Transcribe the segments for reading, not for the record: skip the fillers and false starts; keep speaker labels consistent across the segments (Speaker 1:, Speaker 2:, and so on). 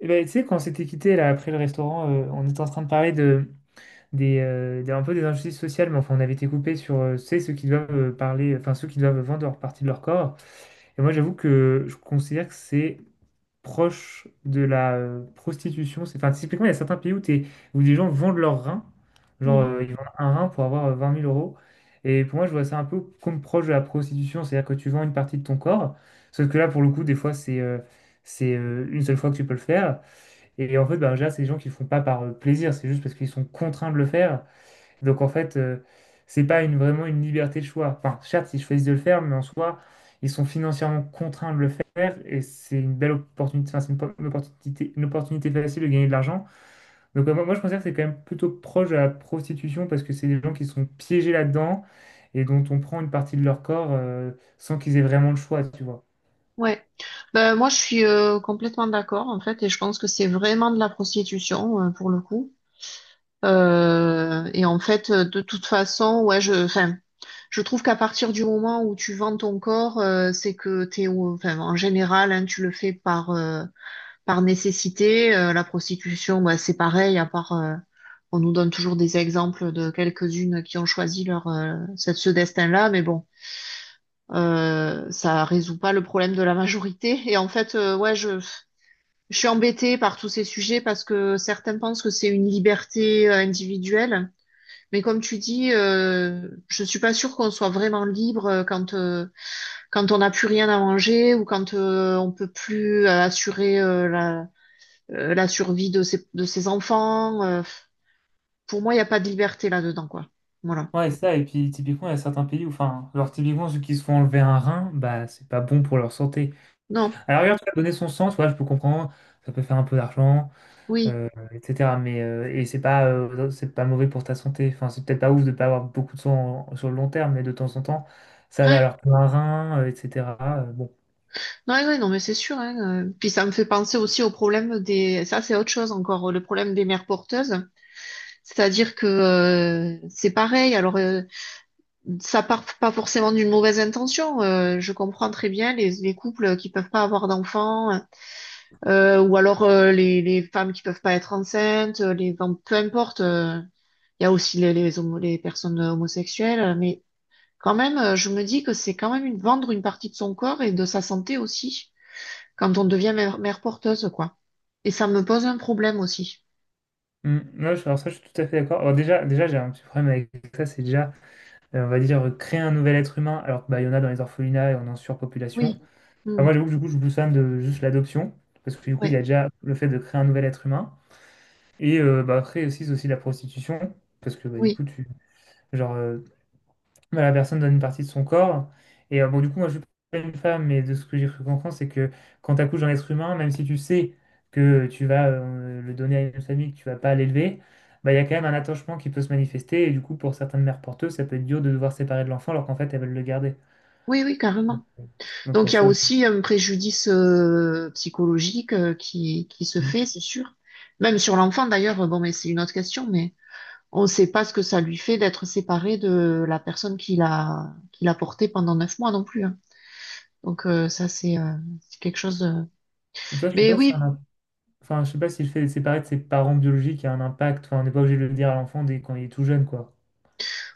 Speaker 1: Eh ben, tu sais, quand on s'était quitté là après le restaurant, on était en train de parler un peu des injustices sociales, mais enfin on avait été coupé sur tu sais, ceux qui doivent parler, enfin ceux qui doivent vendre leur partie de leur corps. Et moi j'avoue que je considère que c'est proche de la prostitution. C'est, enfin, typiquement, il y a certains pays où des gens vendent leurs reins, genre
Speaker 2: Mm.
Speaker 1: ils vendent un rein pour avoir 20 000 euros. Et pour moi, je vois ça un peu comme proche de la prostitution, c'est-à-dire que tu vends une partie de ton corps, sauf que là, pour le coup, des fois, c'est une seule fois que tu peux le faire. Et en fait, bah, déjà, c'est des gens qui le font pas par plaisir, c'est juste parce qu'ils sont contraints de le faire. Donc en fait, c'est pas une, vraiment une liberté de choix. Enfin, certes, ils choisissent de le faire, mais en soi, ils sont financièrement contraints de le faire et c'est une belle opportunité, enfin, c'est une opportunité facile de gagner de l'argent. Donc moi, je considère que c'est quand même plutôt proche de la prostitution parce que c'est des gens qui sont piégés là-dedans et dont on prend une partie de leur corps sans qu'ils aient vraiment le choix, tu vois.
Speaker 2: Ouais, ben, moi je suis complètement d'accord en fait et je pense que c'est vraiment de la prostitution pour le coup. Et en fait de toute façon ouais je trouve qu'à partir du moment où tu vends ton corps c'est que enfin en général hein, tu le fais par par nécessité. La prostitution bah, c'est pareil à part on nous donne toujours des exemples de quelques-unes qui ont choisi leur ce destin-là mais bon. Ça résout pas le problème de la majorité. Et en fait, ouais, je suis embêtée par tous ces sujets parce que certains pensent que c'est une liberté individuelle. Mais comme tu dis, je suis pas sûre qu'on soit vraiment libre quand on n'a plus rien à manger ou quand on peut plus assurer la la survie de ses enfants. Pour moi, il n'y a pas de liberté là-dedans, quoi. Voilà.
Speaker 1: Ouais, c'est ça, et puis typiquement, il y a certains pays où, enfin, genre typiquement ceux qui se font enlever un rein, bah c'est pas bon pour leur santé.
Speaker 2: Non.
Speaker 1: Alors regarde, tu vas donner son sang, tu vois, je peux comprendre, ça peut faire un peu d'argent,
Speaker 2: Oui.
Speaker 1: etc. Mais et c'est pas mauvais pour ta santé. Enfin, c'est peut-être pas ouf de pas avoir beaucoup de sur le long terme, mais de temps en temps, ça va.
Speaker 2: Ah,
Speaker 1: Alors pour un rein, etc. euh, bon,
Speaker 2: ouais, ouais, non, mais c'est sûr, hein. Puis ça me fait penser aussi au problème des, ça c'est autre chose encore, le problème des mères porteuses. C'est-à-dire que c'est pareil. Alors ça part pas forcément d'une mauvaise intention. Je comprends très bien les couples qui peuvent pas avoir d'enfants, ou alors les femmes qui peuvent pas être enceintes, les, enfin, peu importe. Il y a aussi les, les personnes homosexuelles, mais quand même, je me dis que c'est quand même une, vendre une partie de son corps et de sa santé aussi quand on devient mère, mère porteuse, quoi. Et ça me pose un problème aussi.
Speaker 1: Alors ça, je suis tout à fait d'accord. Alors déjà, j'ai un petit problème avec ça, c'est déjà, on va dire, créer un nouvel être humain, alors que, bah, il y en a dans les orphelinats et on est en surpopulation.
Speaker 2: Oui.
Speaker 1: Alors
Speaker 2: Mm.
Speaker 1: moi, j'avoue que du coup, je pousse fan de juste l'adoption, parce que du coup, il y a
Speaker 2: Ouais.
Speaker 1: déjà le fait de créer un nouvel être humain. Et bah, après aussi, c'est aussi la prostitution, parce que bah,
Speaker 2: Oui.
Speaker 1: genre, euh, bah, la personne donne une partie de son corps. Et bon, du coup, moi, je suis pas une femme, mais de ce que j'ai cru comprendre, c'est que quand tu accouches d'un être humain, même si tu sais que tu vas le donner à une famille, que tu vas pas l'élever, bah, il y a quand même un attachement qui peut se manifester. Et du coup, pour certaines mères porteuses, ça peut être dur de devoir séparer de l'enfant, alors qu'en fait, elles veulent le garder.
Speaker 2: Oui, oui, carrément.
Speaker 1: Donc, il y
Speaker 2: Donc,
Speaker 1: a
Speaker 2: il y a
Speaker 1: ça aussi.
Speaker 2: aussi un préjudice psychologique qui se
Speaker 1: Mm.
Speaker 2: fait, c'est sûr. Même sur l'enfant, d'ailleurs, bon, mais c'est une autre question, mais on ne sait pas ce que ça lui fait d'être séparé de la personne qui l'a porté pendant 9 mois non plus, hein. Donc, ça, c'est quelque chose de...
Speaker 1: Donc, ça, je sais
Speaker 2: Mais
Speaker 1: pas si c'est
Speaker 2: oui,
Speaker 1: un Enfin, je sais pas si le fait d'être séparé de ses parents biologiques a un impact. Enfin, on n'est pas obligé de le dire à l'enfant dès quand il est tout jeune, quoi.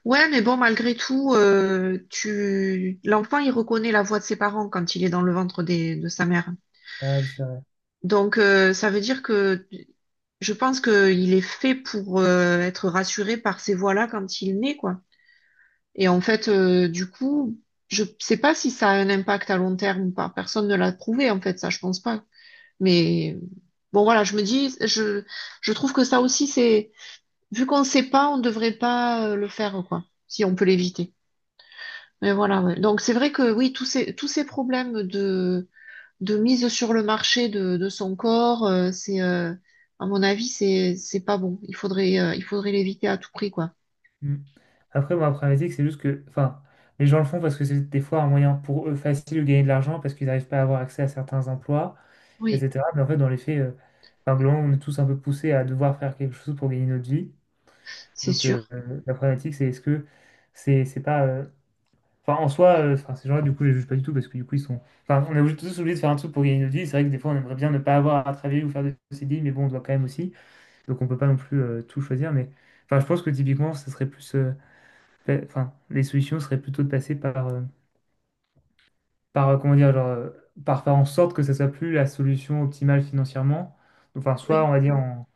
Speaker 2: ouais, mais bon, malgré tout, l'enfant, il reconnaît la voix de ses parents quand il est dans le ventre de sa mère.
Speaker 1: Ah oui, c'est vrai.
Speaker 2: Donc, ça veut dire que je pense qu'il est fait pour être rassuré par ces voix-là quand il naît, quoi. Et en fait, du coup, je sais pas si ça a un impact à long terme ou pas. Personne ne l'a prouvé, en fait, ça, je pense pas. Mais bon, voilà, je me dis, je trouve que ça aussi, c'est, vu qu'on sait pas, on devrait pas le faire, quoi, si on peut l'éviter. Mais voilà, ouais. Donc, c'est vrai que oui, tous ces problèmes de mise sur le marché de son corps, à mon avis, c'est pas bon. Il faudrait l'éviter à tout prix, quoi.
Speaker 1: Mm. Après, moi, après problématique, c'est juste que, enfin, les gens le font parce que c'est des fois un moyen pour eux facile de gagner de l'argent parce qu'ils n'arrivent pas à avoir accès à certains emplois,
Speaker 2: Oui,
Speaker 1: etc. Mais en fait, dans les faits, enfin, globalement, on est tous un peu poussés à devoir faire quelque chose pour gagner notre vie.
Speaker 2: c'est
Speaker 1: Donc,
Speaker 2: sûr.
Speaker 1: la problématique, c'est est-ce que c'est pas. Enfin, en soi, enfin, ces gens-là, du coup, je les juge pas du tout parce que du coup, ils sont. Enfin, tous obligés de faire un truc pour gagner notre vie. C'est vrai que des fois, on aimerait bien ne pas avoir à travailler ou faire de CDI, mais bon, on doit quand même aussi. Donc, on peut pas non plus tout choisir. Mais enfin, je pense que typiquement, ça serait plus. Enfin, les solutions seraient plutôt de passer par, comment dire, par faire en sorte que ça soit plus la solution optimale financièrement. Donc, enfin, soit, on
Speaker 2: Oui,
Speaker 1: va dire, en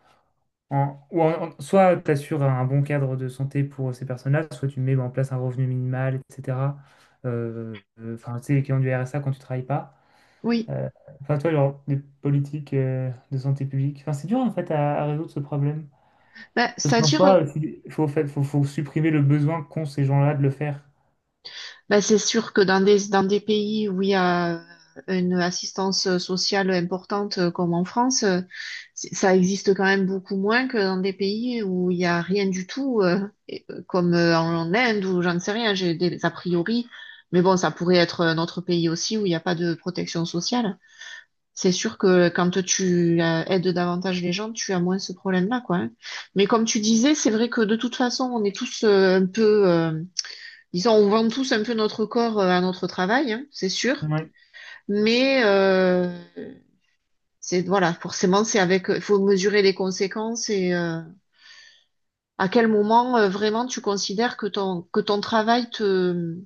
Speaker 1: en- ou en- en- soit tu assures un bon cadre de santé pour ces personnes-là, soit tu mets en place un revenu minimal, etc. Enfin, tu sais, l'équivalent du RSA quand tu travailles pas.
Speaker 2: oui.
Speaker 1: Euh, Enfin, toi, genre, des politiques de santé publique. Enfin, c'est dur, en fait, à résoudre ce problème.
Speaker 2: Bah,
Speaker 1: Parce qu'en
Speaker 2: c'est-à-dire
Speaker 1: soi, il faut, fa- faut, faut supprimer le besoin qu'ont ces gens-là de le faire.
Speaker 2: ben, c'est sûr que dans des pays où il y a une assistance sociale importante comme en France, ça existe quand même beaucoup moins que dans des pays où il y a rien du tout, comme en Inde ou j'en sais rien, j'ai des a priori. Mais bon, ça pourrait être un autre pays aussi où il n'y a pas de protection sociale. C'est sûr que quand tu aides davantage les gens, tu as moins ce problème-là, quoi, hein. Mais comme tu disais, c'est vrai que de toute façon, on est tous un peu... disons, on vend tous un peu notre corps à notre travail, hein, c'est sûr.
Speaker 1: Ouais.
Speaker 2: Mais c'est voilà, forcément, c'est avec. Il faut mesurer les conséquences et à quel moment vraiment tu considères que ton travail te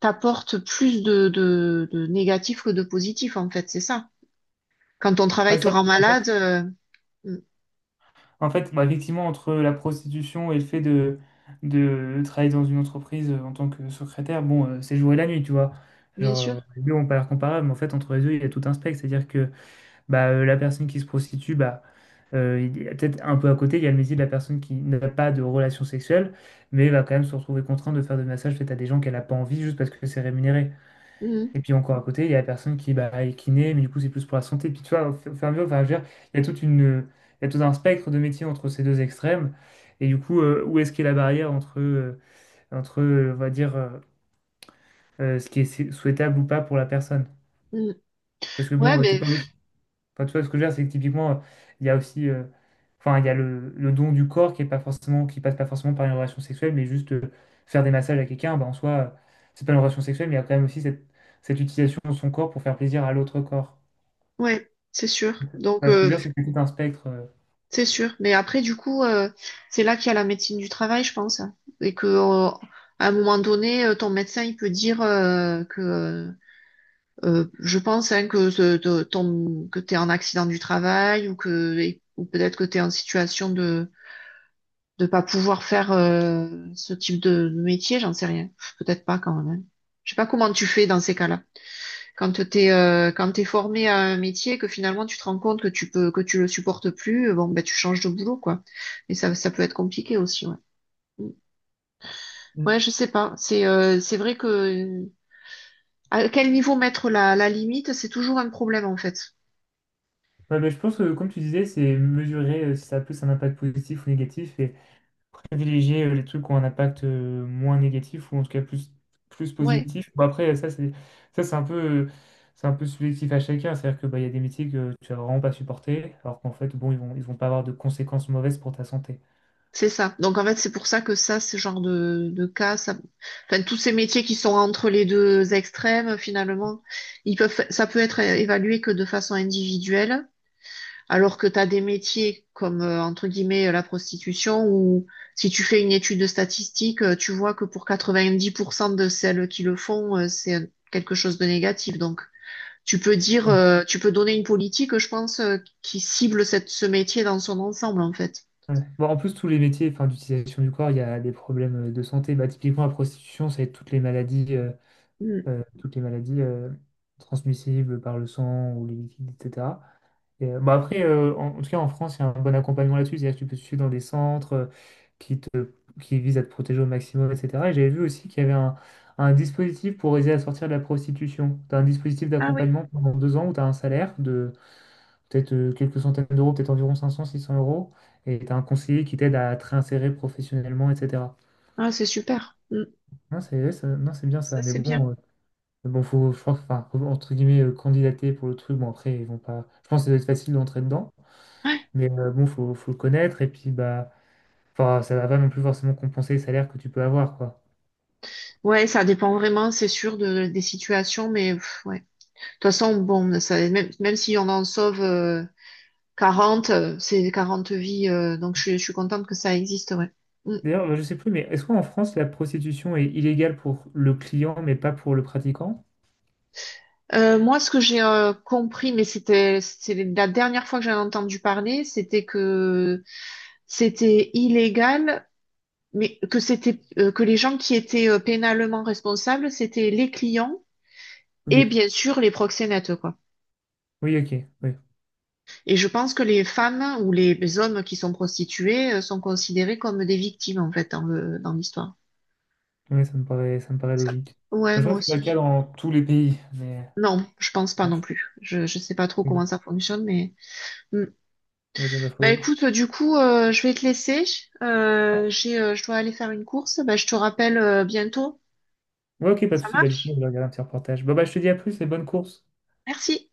Speaker 2: t'apporte plus de négatif que de positif en fait, c'est ça. Quand ton
Speaker 1: Ouais,
Speaker 2: travail te
Speaker 1: ça,
Speaker 2: rend malade, mm,
Speaker 1: En fait, bah, effectivement, entre la prostitution et le fait de travailler dans une entreprise en tant que secrétaire, bon, c'est le jour et la nuit, tu vois.
Speaker 2: bien
Speaker 1: Genre,
Speaker 2: sûr.
Speaker 1: les deux ont pas l'air comparables, mais en fait, entre les deux, il y a tout un spectre. C'est-à-dire que bah, la personne qui se prostitue, bah, il y a peut-être un peu à côté, il y a le métier de la personne qui n'a pas de relation sexuelle, mais va quand même se retrouver contrainte de faire des massages faits à des gens qu'elle n'a pas envie juste parce que c'est rémunéré.
Speaker 2: Mm,
Speaker 1: Et puis encore à côté, il y a la personne qui bah, est kiné, mais du coup, c'est plus pour la santé. Puis tu vois, au fur et à mesure, enfin, je veux dire, il y a toute une, il y a tout un spectre de métiers entre ces deux extrêmes. Et du coup, où est-ce qu'est la barrière entre, on va dire, ce qui est sou- souhaitable ou pas pour la personne?
Speaker 2: mm.
Speaker 1: Parce que
Speaker 2: Ouais,
Speaker 1: bon, t'es
Speaker 2: mais
Speaker 1: pas obligé, enfin, tu vois, ce que je veux dire, c'est que typiquement, il y a aussi... enfin, il y a le don du corps qui est pas forcément, qui passe pas forcément par une relation sexuelle, mais juste faire des massages à quelqu'un, bah, en soi, c'est pas une relation sexuelle, mais il y a quand même aussi cette utilisation de son corps pour faire plaisir à l'autre corps.
Speaker 2: ouais, c'est sûr.
Speaker 1: Enfin, ce que je veux dire, c'est que c'est tout un spectre.
Speaker 2: C'est sûr. Mais après, du coup, c'est là qu'il y a la médecine du travail, je pense. Et que, à un moment donné, ton médecin, il peut dire je pense, hein, que, ce- de- ton, que tu es en accident du travail ou peut-être que tu es en situation de pas pouvoir faire ce type de métier, j'en sais rien. Peut-être pas quand même, hein. Je sais pas comment tu fais dans ces cas-là. Quand t'es formé à un métier, que finalement tu te rends compte que tu peux que tu le supportes plus, bon ben tu changes de boulot quoi. Mais ça peut être compliqué aussi. Ouais, mm,
Speaker 1: Mm.
Speaker 2: ouais je sais pas. C'est vrai que à quel niveau mettre la limite, c'est toujours un problème en fait.
Speaker 1: Ouais, mais je pense que, comme tu disais, c'est mesurer si ça a plus un impact positif ou négatif et privilégier les trucs qui ont un impact moins négatif ou en tout cas plus
Speaker 2: Ouais,
Speaker 1: positif. Bon, après, ça, c'est un peu, c'est un peu subjectif à chacun. C'est-à-dire que, bah, il y a des métiers que tu vas vraiment pas supporter, alors qu'en fait, bon, ils vont pas avoir de conséquences mauvaises pour ta santé.
Speaker 2: c'est ça. Donc en fait c'est pour ça que ça ce genre de cas, ça, enfin tous ces métiers qui sont entre les deux extrêmes finalement, ils peuvent ça peut être évalué que de façon individuelle. Alors que tu as des métiers comme, entre guillemets, la prostitution, où si tu fais une étude de statistique, tu vois que pour 90% de celles qui le font, c'est quelque chose de négatif. Donc, tu peux dire,
Speaker 1: Oui.
Speaker 2: tu peux donner une politique, je pense, qui cible cette, ce métier dans son ensemble, en fait.
Speaker 1: Ouais. Bon, en plus, tous les métiers enfin, d'utilisation du corps, il y a des problèmes de santé. Bah, typiquement, la prostitution, c'est toutes les maladies.
Speaker 2: Mm.
Speaker 1: Toutes les maladies transmissibles par le sang ou les liquides, etc. Et, bon, après, en tout cas, en France, il y a un bon accompagnement là-dessus. C'est-à-dire que tu peux te suivre dans des centres qui te, qui visent à te protéger au maximum, etc. Et j'avais vu aussi qu'il y avait un dispositif pour aider à sortir de la prostitution. Tu as un dispositif
Speaker 2: Ah oui,
Speaker 1: d'accompagnement pendant 2 ans où tu as un salaire de peut-être quelques centaines d'euros, peut-être environ 500, 600 euros. Et tu as un conseiller qui t'aide à te réinsérer professionnellement, etc.
Speaker 2: ah, c'est super. Mm.
Speaker 1: Non, c'est ouais, ça- non, c'est bien ça.
Speaker 2: Ça,
Speaker 1: Mais
Speaker 2: c'est bien.
Speaker 1: bon, mais bon, je crois que, enfin, faut, entre guillemets, candidater pour le truc, bon, après, ils vont pas. Je pense que ça doit être facile d'entrer dedans,
Speaker 2: Ouais.
Speaker 1: mais bon, faut le connaître, et puis, bah, enfin, ça va pas non plus forcément compenser les salaires que tu peux avoir, quoi.
Speaker 2: Ouais, ça dépend vraiment, c'est sûr, de, des situations, mais pff, ouais. De toute façon, bon, ça, même, même si on en sauve... quarante, c'est 40 vies, donc je suis contente que ça existe, ouais. Mm.
Speaker 1: D'ailleurs, je sais plus, mais est-ce qu'en France, la prostitution est illégale pour le client, mais pas pour le pratiquant?
Speaker 2: Moi, ce que j'ai compris, mais c'est la dernière fois que j'en ai entendu parler, c'était que c'était illégal, mais que c'était que les gens qui étaient pénalement responsables, c'était les clients
Speaker 1: Ok.
Speaker 2: et bien sûr les proxénètes, quoi.
Speaker 1: Oui, ok, oui.
Speaker 2: Et je pense que les femmes ou les hommes qui sont prostitués sont considérés comme des victimes en fait dans le dans l'histoire.
Speaker 1: Oui, ça me paraît
Speaker 2: Ça-
Speaker 1: logique.
Speaker 2: Ouais,
Speaker 1: Mais je
Speaker 2: moi
Speaker 1: crois que c'est pas le cas
Speaker 2: aussi.
Speaker 1: dans tous les pays, mais
Speaker 2: Non, je pense pas
Speaker 1: bon,
Speaker 2: non plus. Je sais pas trop
Speaker 1: ok.
Speaker 2: comment ça fonctionne, mais hmm.
Speaker 1: on va dire, bah,
Speaker 2: Bah
Speaker 1: faut-
Speaker 2: écoute, du coup, je vais te laisser. Je dois aller faire une course. Bah, je te rappelle bientôt.
Speaker 1: Ouais, ok, pas de
Speaker 2: Ça
Speaker 1: souci, bah, du coup, on
Speaker 2: marche?
Speaker 1: va regarder un petit reportage. Bah, bah, je te dis à plus et bonne course.
Speaker 2: Merci.